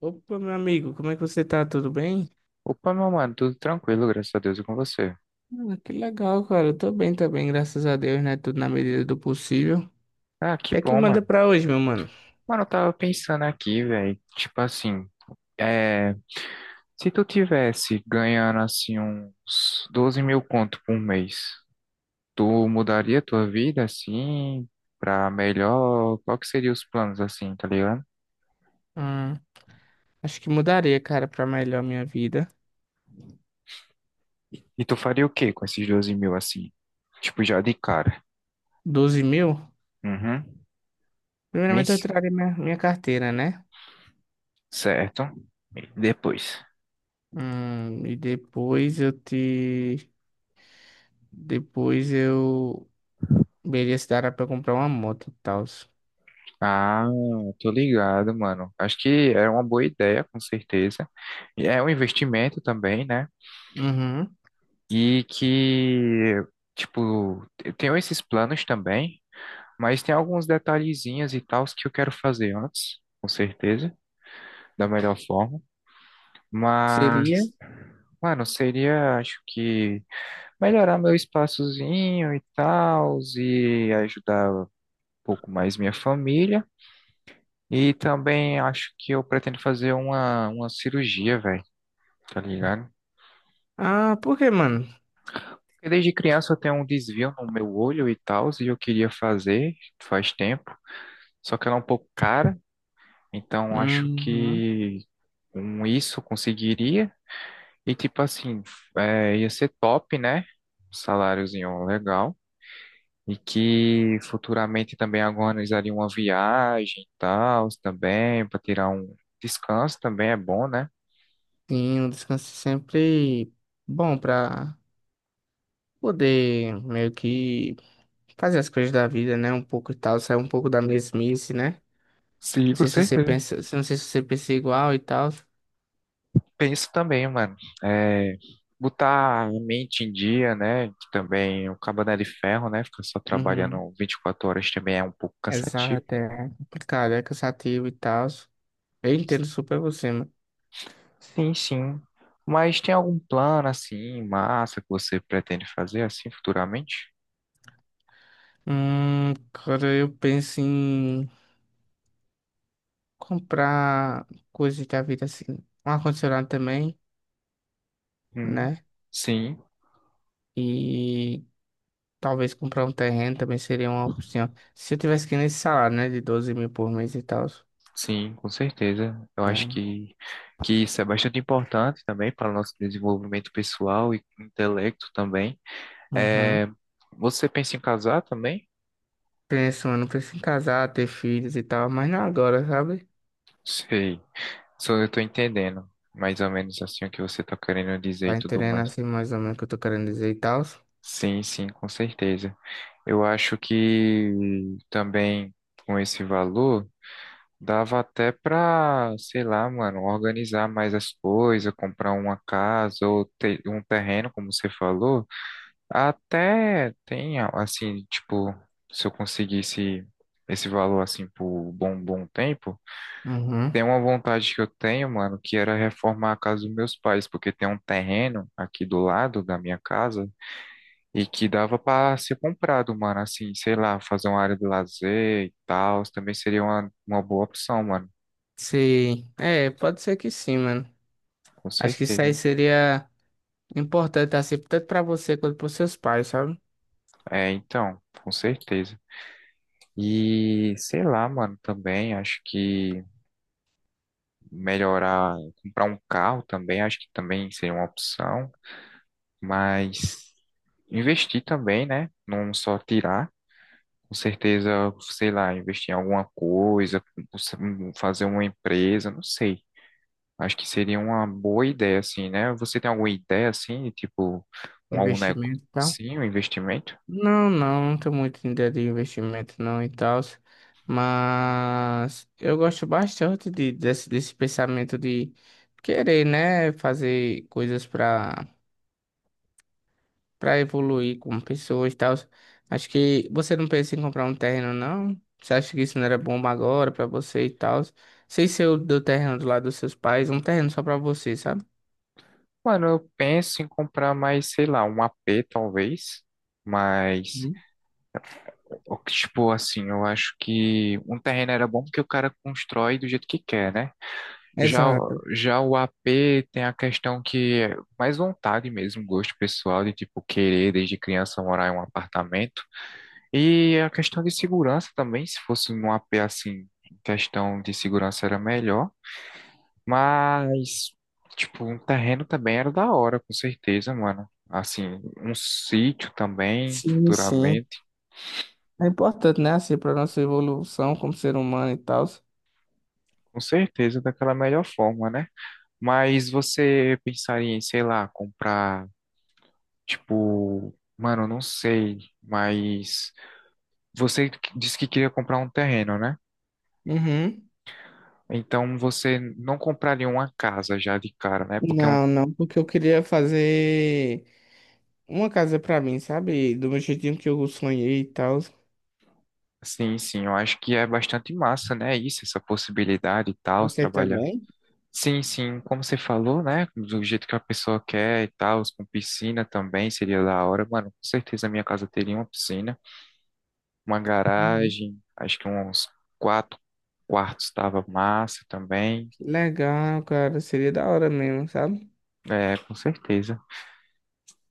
Opa, meu amigo, como é que você tá? Tudo bem? Opa, meu mano, tudo tranquilo, graças a Deus e com você. Ah, que legal, cara. Eu tô bem também, graças a Deus, né? Tudo na medida do possível. O Ah, que que é que bom, manda mano. pra hoje, meu mano? Mano, eu tava pensando aqui, velho. Tipo assim, é, se tu tivesse ganhando assim uns 12 mil conto por mês, tu mudaria tua vida assim pra melhor? Qual que seria os planos assim, tá ligado? Ah, acho que mudaria, cara, pra melhor minha vida. E tu faria o quê com esses 12 mil assim? Tipo, já de cara. 12 mil? Uhum. Primeiramente eu Mês? traria minha carteira, né? Certo. E depois? E depois eu te... Depois eu... Veria se dará pra comprar uma moto e tal. Ah, tô ligado, mano. Acho que é uma boa ideia, com certeza. E é um investimento também, né? Uhum. E que, tipo, eu tenho esses planos também, mas tem alguns detalhezinhos e tals que eu quero fazer antes, com certeza, da melhor forma. Seria? Mas, mano, seria, acho que, melhorar meu espaçozinho e tals e ajudar um pouco mais minha família. E também acho que eu pretendo fazer uma cirurgia, velho, tá ligado? Ah, por quê, mano? Porque desde criança eu tenho um desvio no meu olho e tal, e eu queria fazer faz tempo, só que ela é um pouco cara, então acho Uhum. que com isso eu conseguiria. E tipo assim, ia ser top, né? Saláriozinho legal. E que futuramente também organizaria uma viagem e tal, também, para tirar um descanso também é bom, né? Sim, um descanso sempre bom pra poder meio que fazer as coisas da vida, né? Um pouco e tal, sair um pouco da mesmice, né? Sim, Não com sei se você certeza. pensa, não sei se você pensa igual e tal. Penso também, mano. É, botar a mente em dia, né? Que também o cabo não é de ferro, né? Ficar só Uhum. trabalhando 24 horas também é um pouco cansativo. Exato, é complicado, é cansativo e tal. Eu entendo super você, mano. Sim, sim. Mas tem algum plano assim, massa, que você pretende fazer assim futuramente? Cara, eu penso em comprar coisas da vida assim. Um ar-condicionado também, Hum, né? sim, E talvez comprar um terreno também seria uma opção. Se eu tivesse que ir nesse salário, né? De 12 mil por mês e tal. sim, com certeza. Eu acho É. Que isso é bastante importante também para o nosso desenvolvimento pessoal e intelecto também. Uhum. É, você pensa em casar também? Penso, mano, penso em casar, ter filhos e tal, mas não agora, sabe? Sei. Só eu tô entendendo mais ou menos assim o que você tá querendo dizer e Tá tudo entendendo mais. assim mais ou menos o que eu tô querendo dizer e tal? Sim, sim, com certeza. Eu acho que também com esse valor dava até pra, sei lá, mano, organizar mais as coisas, comprar uma casa ou ter um terreno, como você falou. Até tem assim, tipo, se eu conseguisse esse valor assim por um bom bom tempo. Uhum. Tem uma vontade que eu tenho, mano, que era reformar a casa dos meus pais, porque tem um terreno aqui do lado da minha casa e que dava pra ser comprado, mano, assim, sei lá, fazer uma área de lazer e tal, também seria uma boa opção, mano, Sim. É, pode ser que sim, mano. com Acho que isso certeza. aí Né? seria importante, assim, tanto pra você quanto pros seus pais, sabe? É, então, com certeza. E sei lá, mano, também acho que melhorar, comprar um carro também, acho que também seria uma opção, mas investir também, né? Não só tirar. Com certeza, sei lá, investir em alguma coisa, fazer uma empresa, não sei. Acho que seria uma boa ideia, assim, né? Você tem alguma ideia, assim, tipo, um, algum negócio, Investimento e tal. sim, um investimento? Não, não, não tô muito em ideia de investimento não e tal, mas eu gosto bastante desse pensamento de querer, né, fazer coisas pra para evoluir como pessoa e tal. Acho que você não pensa em comprar um terreno, não? Você acha que isso não era bom agora para você e tal? Sei se eu do terreno do lado dos seus pais, um terreno só para você, sabe? Mano, eu penso em comprar mais, sei lá, um AP, talvez, mas, Uhum. Tipo, assim, eu acho que um terreno era bom porque o cara constrói do jeito que quer, né? Já, Exato. já o AP tem a questão que é mais vontade mesmo, gosto pessoal de tipo querer desde criança morar em um apartamento. E a questão de segurança também, se fosse num AP assim, questão de segurança era melhor, mas tipo, um terreno também era da hora, com certeza, mano. Assim, um sítio também, Sim, sim. futuramente, É importante, né? Assim, para nossa evolução como ser humano e tal. com certeza daquela melhor forma, né? Mas você pensaria em, sei lá, comprar. Tipo, mano, eu não sei, mas você disse que queria comprar um terreno, né? Uhum. Então você não compraria uma casa já de cara, né? Porque é um, Não, não, porque eu queria fazer uma casa para mim, sabe? Do meu jeitinho que eu sonhei e tal. sim, sim, eu acho que é bastante massa, né? Isso, essa possibilidade e tal, se Você trabalhar. também? Sim, sim, como você falou, né? Do jeito que a pessoa quer e tal, com piscina também seria da hora. Mano, com certeza a minha casa teria uma piscina, uma Uhum. garagem, acho que uns quatro quartos tava massa também. Que legal, cara. Seria da hora mesmo, sabe? É, com certeza.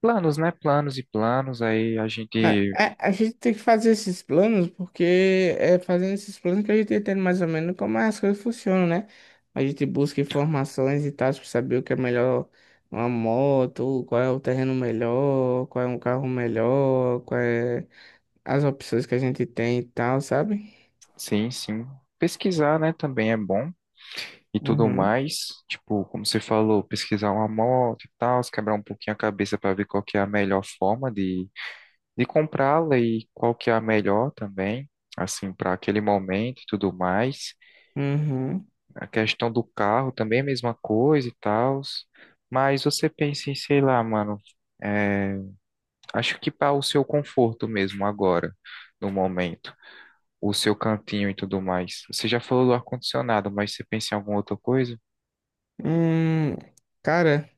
Planos, né? Planos e planos, aí a Né, gente, a gente tem que fazer esses planos porque é fazendo esses planos que a gente entende mais ou menos como as coisas funcionam, né? A gente busca informações e tal para saber o que é melhor, uma moto, qual é o terreno melhor, qual é um carro melhor, qual é as opções que a gente tem e tal, sabe? sim, sim, pesquisar, né, também é bom e tudo Uhum, mais, tipo, como você falou, pesquisar uma moto e tal, se quebrar um pouquinho a cabeça para ver qual que é a melhor forma de comprá-la e qual que é a melhor também, assim, para aquele momento e tudo mais. uhum. A questão do carro também é a mesma coisa e tal, mas você pensa em, sei lá, mano, é, acho que para o seu conforto mesmo agora, no momento. O seu cantinho e tudo mais. Você já falou do ar-condicionado, mas você pensa em alguma outra coisa? Hum, cara,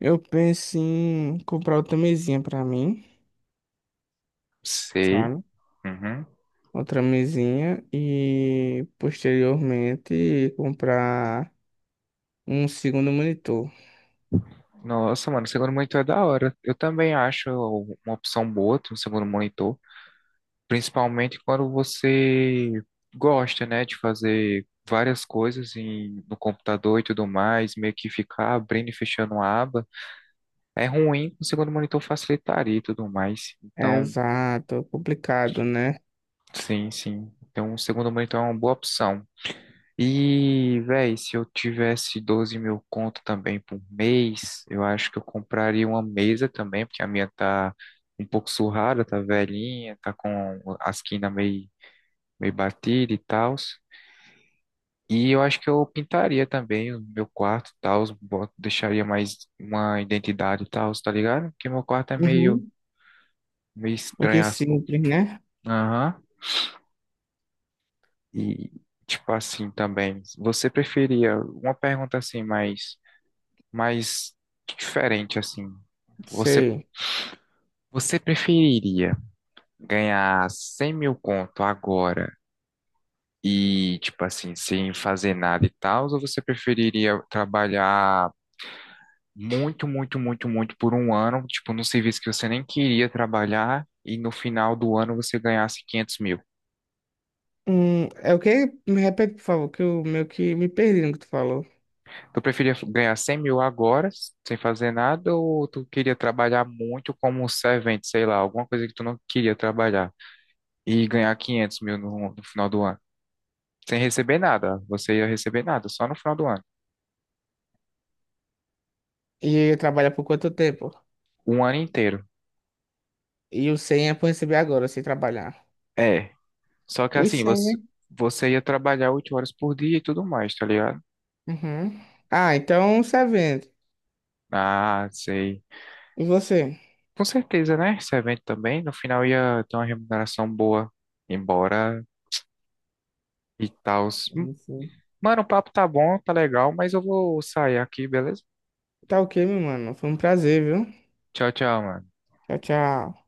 eu penso em comprar outra mesinha pra mim, Sei. sabe? Uhum. Outra mesinha e posteriormente comprar um segundo monitor. Nossa, mano, o segundo monitor é da hora. Eu também acho uma opção boa ter um segundo monitor, principalmente quando você gosta, né, de fazer várias coisas em, no computador e tudo mais, meio que ficar abrindo e fechando uma aba. É ruim, o segundo monitor facilitaria e tudo mais. Então, Exato, é complicado, né? sim, sim. Então, o segundo monitor é uma boa opção. E, véi, se eu tivesse 12 mil conto também por mês, eu acho que eu compraria uma mesa também, porque a minha tá um pouco surrada, tá velhinha, tá com a esquina meio, meio batida e tal. E eu acho que eu pintaria também o meu quarto e tal, deixaria mais uma identidade e tal, tá ligado? Porque meu quarto é meio, Uhum. meio Aqui estranho as cores. simples, né? Aham. E, tipo assim, também, você preferia, uma pergunta assim, mais mas diferente assim. Você, Sei. você preferiria ganhar 100 mil conto agora e, tipo assim, sem fazer nada e tal, ou você preferiria trabalhar muito, muito, muito, muito por um ano, tipo, num serviço que você nem queria trabalhar e no final do ano você ganhasse 500 mil? É o que? Me repete, por favor, que eu meio que me perdi no que tu falou. Tu preferia ganhar 100 mil agora, sem fazer nada, ou tu queria trabalhar muito como um servente, sei lá, alguma coisa que tu não queria trabalhar e ganhar 500 mil no final do ano? Sem receber nada. Você ia receber nada, só no final do ano. E trabalha por quanto tempo? Um ano inteiro. E o 100 é pra receber agora, sem trabalhar. É. Só que Os assim, 100, né? você ia trabalhar 8 horas por dia e tudo mais, tá ligado? Uhum. Ah, então você vende. Ah, sei. E você? Com certeza, né? Esse evento também, no final ia ter uma remuneração boa. Embora e tal. Sim, sim. Mano, o papo tá bom, tá legal, mas eu vou sair aqui, beleza? Tá ok, meu mano. Foi um prazer, viu? Tchau, tchau, mano. Tchau, tchau.